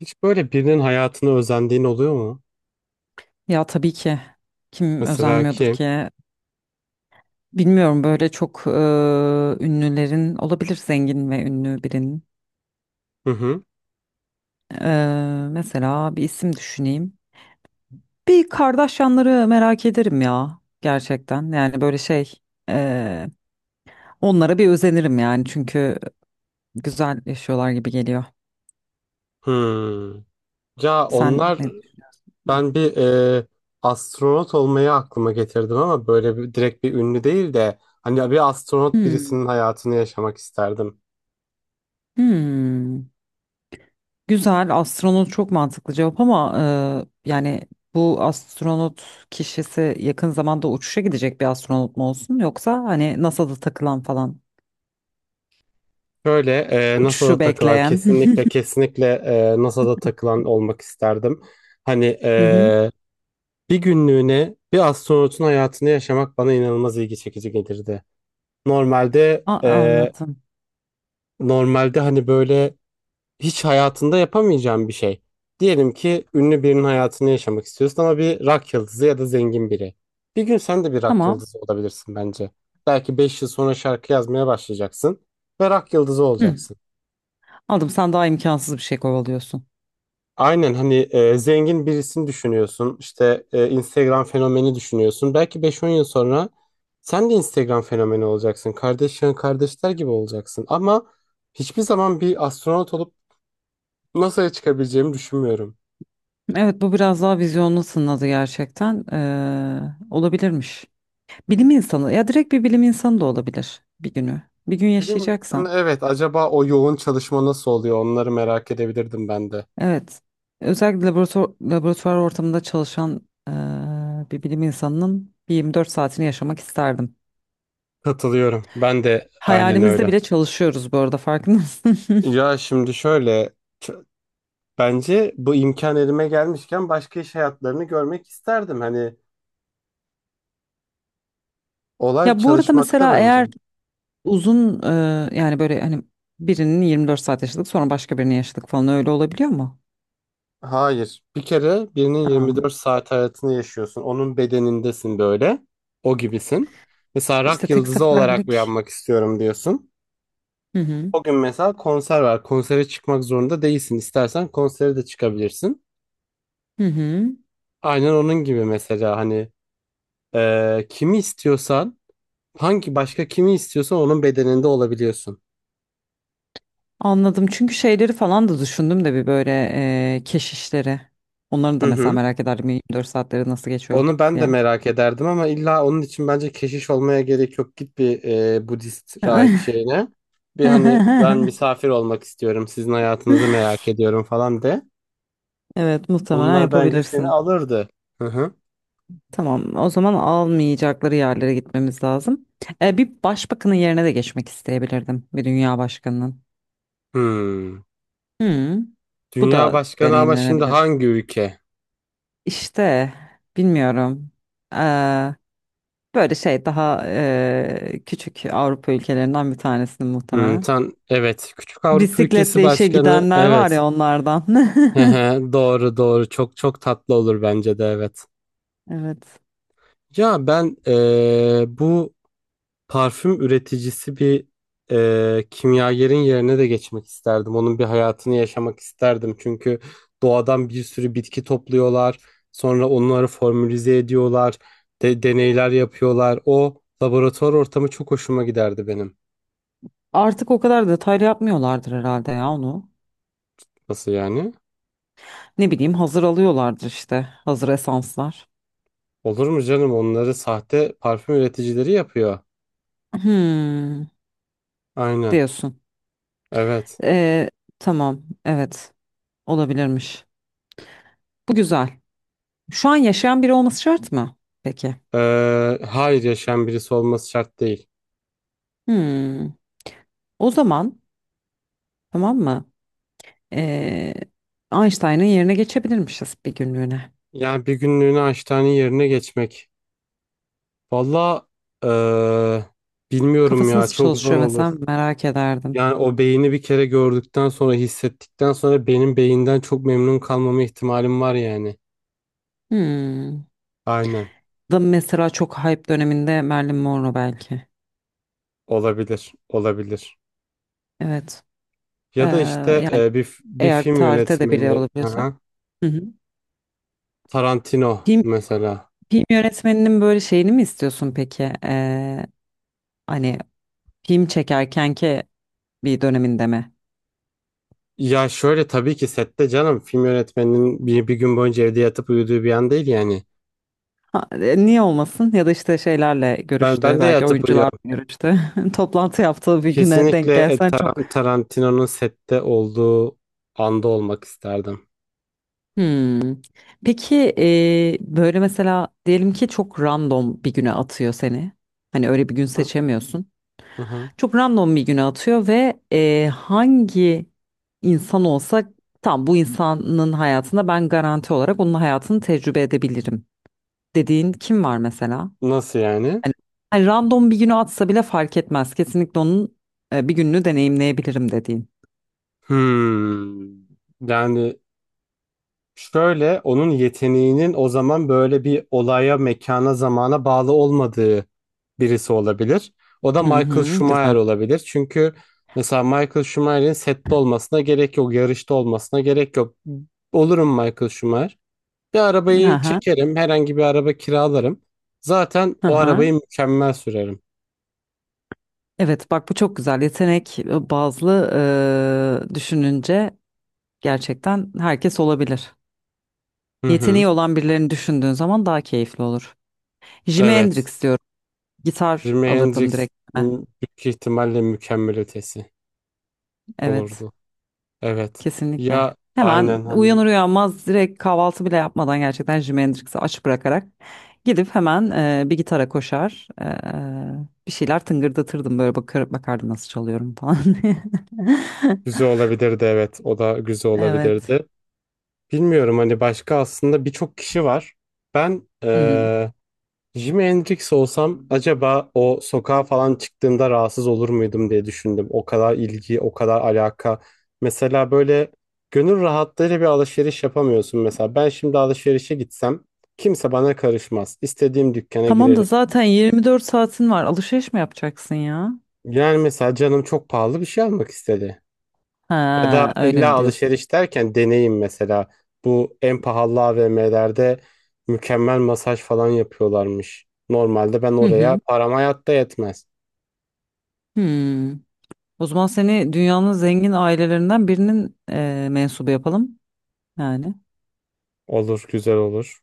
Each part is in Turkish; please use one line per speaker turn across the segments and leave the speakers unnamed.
Hiç böyle birinin hayatını özendiğin oluyor mu?
Ya tabii ki kim
Mesela
özenmiyordur
kim?
ki? Bilmiyorum böyle çok ünlülerin olabilir zengin ve ünlü birinin.
Hı hı.
Mesela bir isim düşüneyim. Bir Kardashianları merak ederim ya gerçekten. Yani böyle şey e, onlara bir özenirim yani çünkü güzel yaşıyorlar gibi geliyor.
Hmm. Ya
Sen
onlar
ne?
ben bir e, astronot olmayı aklıma getirdim ama böyle bir, direkt bir ünlü değil de hani bir astronot
Hmm.
birisinin hayatını yaşamak isterdim.
Hmm. Güzel, astronot çok mantıklı cevap ama yani bu astronot kişisi yakın zamanda uçuşa gidecek bir astronot mu olsun yoksa hani NASA'da takılan falan
Böyle, NASA'da
uçuşu
takılan,
bekleyen.
kesinlikle kesinlikle, NASA'da takılan olmak isterdim. Hani,
Hı hı.
bir günlüğüne bir astronotun hayatını yaşamak bana inanılmaz ilgi çekici gelirdi. Normalde
Anladım.
Normalde hani böyle hiç hayatında yapamayacağın bir şey. Diyelim ki ünlü birinin hayatını yaşamak istiyorsun, ama bir rock yıldızı ya da zengin biri. Bir gün sen de bir rock
Tamam.
yıldızı olabilirsin bence. Belki 5 yıl sonra şarkı yazmaya başlayacaksın ve rock yıldızı
Hı.
olacaksın.
Aldım. Sen daha imkansız bir şey kovalıyorsun.
Aynen, hani zengin birisini düşünüyorsun. İşte, Instagram fenomeni düşünüyorsun. Belki beş on yıl sonra sen de Instagram fenomeni olacaksın. Kardeş yan kardeşler gibi olacaksın. Ama hiçbir zaman bir astronot olup NASA'ya çıkabileceğimi düşünmüyorum.
Evet bu biraz daha vizyonlu sınadı gerçekten. Olabilirmiş. Bilim insanı ya direkt bir bilim insanı da olabilir bir günü. Bir gün
Bilim insanı,
yaşayacaksam.
evet, acaba o yoğun çalışma nasıl oluyor, onları merak edebilirdim ben de.
Evet. Özellikle laboratuvar ortamında çalışan eee, bir bilim insanının bir 24 saatini yaşamak isterdim.
Katılıyorum. Ben de aynen
Hayalimizde
öyle.
bile çalışıyoruz bu arada farkında mısın?
Ya şimdi şöyle, ç- bence bu imkan elime gelmişken başka iş hayatlarını görmek isterdim. Hani olay bir
Ya bu arada
çalışmakta
mesela
bence.
eğer uzun yani böyle hani birinin 24 saat yaşadık sonra başka birini yaşadık falan öyle olabiliyor mu?
Hayır. Bir kere birinin
Ha.
24 saat hayatını yaşıyorsun. Onun bedenindesin böyle. O gibisin. Mesela
İşte
rak
tek
yıldızı olarak
seferlik.
uyanmak istiyorum diyorsun.
Hı hı.
O gün mesela konser var. Konsere çıkmak zorunda değilsin. İstersen konsere de çıkabilirsin.
Hı hı.
Aynen onun gibi mesela, hani kimi istiyorsan, hangi başka kimi istiyorsan onun bedeninde olabiliyorsun.
Anladım. Çünkü şeyleri falan da düşündüm de bir böyle keşişleri. Onların da
Hı
mesela
hı.
merak ederdim 24 saatleri nasıl geçiyor
Onu ben de
diye.
merak ederdim, ama illa onun için bence keşiş olmaya gerek yok. Git bir, Budist rahip şeyine. Bir, hani ben misafir olmak istiyorum. Sizin hayatınızı merak ediyorum falan de.
Evet, muhtemelen
Onlar bence seni
yapabilirsin.
alırdı. Hı hı.
Tamam, o zaman almayacakları yerlere gitmemiz lazım. Bir başbakanın yerine de geçmek isteyebilirdim. Bir dünya başkanının.
Hmm.
Hmm, bu
Dünya
da
başkanı, ama şimdi
deneyimlenebilir.
hangi ülke?
İşte bilmiyorum. E, Böyle şey daha küçük Avrupa ülkelerinden bir tanesinin
Hmm.
muhtemelen.
Sen, evet, küçük Avrupa ülkesi
Bisikletle işe
başkanı,
gidenler var
evet.
ya onlardan.
Hı hı, doğru doğru, çok çok tatlı olur bence de, evet.
Evet.
Ya ben, bu parfüm üreticisi bir kimyagerin yerine de geçmek isterdim. Onun bir hayatını yaşamak isterdim. Çünkü doğadan bir sürü bitki topluyorlar. Sonra onları formülize ediyorlar. Deneyler yapıyorlar. O laboratuvar ortamı çok hoşuma giderdi benim.
Artık o kadar detaylı yapmıyorlardır herhalde ya onu.
Nasıl yani?
Ne bileyim hazır alıyorlardır işte hazır esanslar.
Olur mu canım? Onları sahte parfüm üreticileri yapıyor.
Hmm,
Aynen.
diyorsun.
Evet.
Ee, tamam, evet, olabilirmiş. Bu güzel. Şu an yaşayan biri olması şart mı? Peki.
Hayır, yaşayan birisi olması şart değil.
Hmm, o zaman tamam mı? Ee, Einstein'ın yerine geçebilirmişiz bir günlüğüne.
Yani bir günlüğüne hastane yerine geçmek. Valla, ee, bilmiyorum
Kafası
ya,
nasıl
çok zor
çalışıyor
olur.
mesela merak ederdim.
Yani o beyni bir kere gördükten sonra, hissettikten sonra benim beyinden çok memnun kalmama ihtimalim var yani.
Hmm.
Aynen.
Da mesela çok hype döneminde Marilyn Monroe belki.
Olabilir. Olabilir.
Evet.
Ya da işte,
Yani
bir
eğer
film
tarihte de biri
yönetmeni.
olabiliyorsa.
Aha.
Hı hı.
Tarantino
Film
mesela.
Film yönetmeninin böyle şeyini mi istiyorsun peki? Hani film çekerkenki bir döneminde mi?
Ya şöyle, tabii ki sette, canım film yönetmeninin bir gün boyunca evde yatıp uyuduğu bir an değil yani.
Ha, niye olmasın? Ya da işte şeylerle
Ben
görüştü,
ben de
belki
yatıp
oyuncularla
uyuyorum.
görüştü. Toplantı yaptığı bir güne denk
Kesinlikle,
gelsen çok.
Tarantino'nun sette olduğu anda olmak isterdim.
Hmm. Peki böyle mesela diyelim ki çok random bir güne atıyor seni. Hani öyle bir gün
Hı
seçemiyorsun.
hı.
Çok random bir güne atıyor ve hangi insan olsa tam bu insanın hayatında ben garanti olarak onun hayatını tecrübe edebilirim dediğin kim var mesela?
Nasıl yani?
Hani, hani, random bir güne atsa bile fark etmez. Kesinlikle onun bir gününü deneyimleyebilirim dediğin.
Hmm. Yani şöyle, onun yeteneğinin o zaman böyle bir olaya, mekana, zamana bağlı olmadığı birisi olabilir. O da
Hı
Michael
hı,
Schumacher
güzel.
olabilir. Çünkü mesela Michael Schumacher'in sette olmasına gerek yok, yarışta olmasına gerek yok. Olurum Michael Schumacher. Bir
Hı
arabayı
hı,
çekerim, herhangi bir araba kiralarım. Zaten
hı
o
hı.
arabayı mükemmel sürerim.
Evet bak bu çok güzel yetenek bazlı, düşününce gerçekten herkes olabilir.
Hı hı.
Yeteneği olan birilerini düşündüğün zaman daha keyifli olur. Jimi
Evet.
Hendrix diyorum. Gitar
Jimi
alırdım
Hendrix,
direkt.
m, büyük ihtimalle mükemmel ötesi
Evet,
olurdu. Evet.
kesinlikle.
Ya
Hemen
aynen, hani
uyanır uyanmaz direkt kahvaltı bile yapmadan gerçekten Jimi Hendrix'i aç bırakarak gidip hemen bir gitara koşar, bir şeyler tıngırdatırdım, böyle bakardım nasıl çalıyorum falan.
güzel olabilirdi, evet. O da güzel
Evet.
olabilirdi. Bilmiyorum, hani başka aslında birçok kişi var. Ben
Hı hı.
Jimi Hendrix olsam acaba o sokağa falan çıktığımda rahatsız olur muydum diye düşündüm. O kadar ilgi, o kadar alaka. Mesela böyle gönül rahatlığıyla bir alışveriş yapamıyorsun mesela. Ben şimdi alışverişe gitsem kimse bana karışmaz. İstediğim dükkana
Tamam da
girerim.
zaten 24 saatin var. Alışveriş mi yapacaksın ya?
Yani mesela canım çok pahalı bir şey almak istedi. Ya da
Ha, öyle
illa
mi diyorsun?
alışveriş derken deneyim mesela. Bu en pahalı AVM'lerde mükemmel masaj falan yapıyorlarmış. Normalde ben
Hı
oraya
hı.
param hayatta yetmez.
Hmm. O zaman seni dünyanın zengin ailelerinden birinin mensubu yapalım. Yani.
Olur, güzel olur.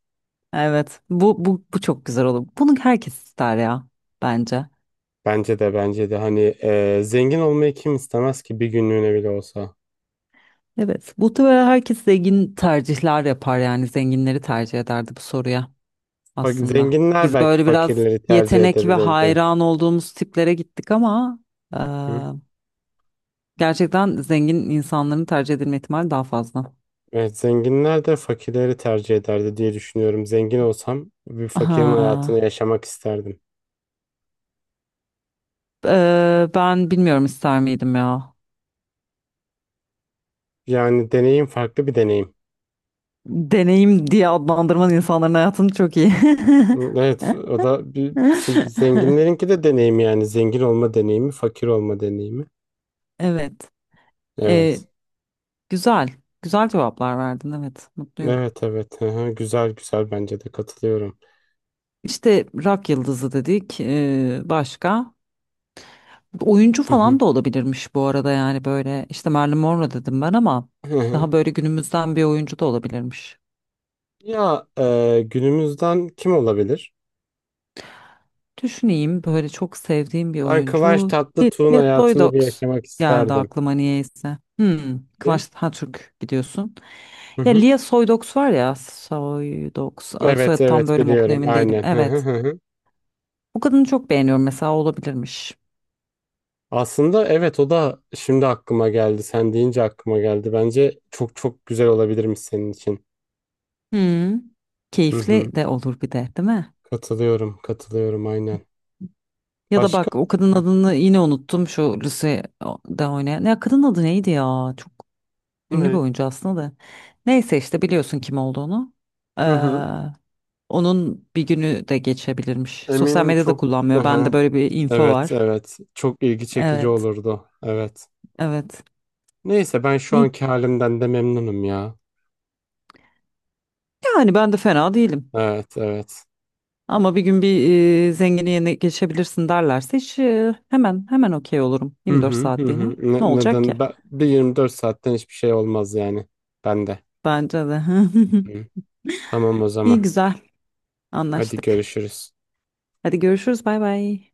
Evet. Bu çok güzel olur. Bunu herkes ister ya. Bence.
Bence de, bence de hani zengin olmayı kim istemez ki bir günlüğüne bile olsa.
Evet. Muhtemelen herkes zengin tercihler yapar yani. Zenginleri tercih ederdi bu soruya
Bak,
aslında.
zenginler
Biz
belki
böyle biraz
fakirleri tercih
yetenek ve
edebilirdi.
hayran olduğumuz tiplere gittik ama
Hı?
gerçekten zengin insanların tercih edilme ihtimali daha fazla.
Evet, zenginler de fakirleri tercih ederdi diye düşünüyorum. Zengin olsam bir fakirin hayatını
Ha,
yaşamak isterdim.
ben bilmiyorum ister miydim ya.
Yani deneyim, farklı bir deneyim.
Deneyim diye adlandırman insanların hayatını çok iyi.
Evet, o da bizim zenginlerinki de deneyimi, yani zengin olma deneyimi, fakir olma deneyimi.
Evet. Ee,
Evet.
Güzel. Güzel cevaplar verdin. Evet. Mutluyum.
Evet, evet. Hı hı. Güzel güzel, bence de katılıyorum.
İşte rock yıldızı dedik. Başka? Oyuncu
Hı
falan
hı.
da olabilirmiş bu arada yani böyle. İşte Marilyn Monroe dedim ben ama
Hı hı.
daha böyle günümüzden bir oyuncu da olabilirmiş.
Ya, günümüzden kim olabilir?
Düşüneyim böyle çok sevdiğim bir
Ben Kıvanç
oyuncu.
Tatlıtuğ'un
Lia
hayatını bir
Soydox
yaşamak
geldi
isterdim.
aklıma niyeyse. Hmm,
Kim?
Kıvanç Tatürk gidiyorsun.
Hı
Ya
hı.
Lia Soydox var ya Soydox
Evet
soyadı tam
evet,
böyle mi
biliyorum,
okunuyor emin değilim.
aynen. Hı hı
Evet.
hı. Hı.
O kadını çok beğeniyorum mesela, olabilirmiş.
Aslında evet, o da şimdi aklıma geldi. Sen deyince aklıma geldi. Bence çok çok güzel olabilirmiş senin için.
Hmm,
Hı
keyifli
hı.
de olur bir de değil mi?
Katılıyorum, katılıyorum, aynen.
Ya da
Başka?
bak o kadın
Heh.
adını yine unuttum şu Lucy'de oynayan. Ya kadın adı neydi ya? Çok ünlü bir
Ne?
oyuncu aslında da. Neyse işte biliyorsun kim olduğunu.
Hı hı.
Onun bir günü de geçebilirmiş. Sosyal
Eminim
medyada
çok.
kullanmıyor.
Aha,
Bende böyle bir info
evet,
var.
evet. Çok ilgi çekici
Evet,
olurdu. Evet.
evet.
Neyse, ben şu
İyi.
anki halimden de memnunum ya.
Yani ben de fena değilim.
Evet, evet.
Ama bir gün bir zengini yerine geçebilirsin derlerse hiç hemen hemen okey olurum.
Hı
24
hı hı. Hı.
saatliğine. Ne
Ne-
olacak ki?
neden? Ben, bir 24 saatten hiçbir şey olmaz yani. Ben de.
Bence de.
Hı. Tamam o zaman.
İyi, güzel.
Hadi
Anlaştık.
görüşürüz.
Hadi görüşürüz. Bay bay.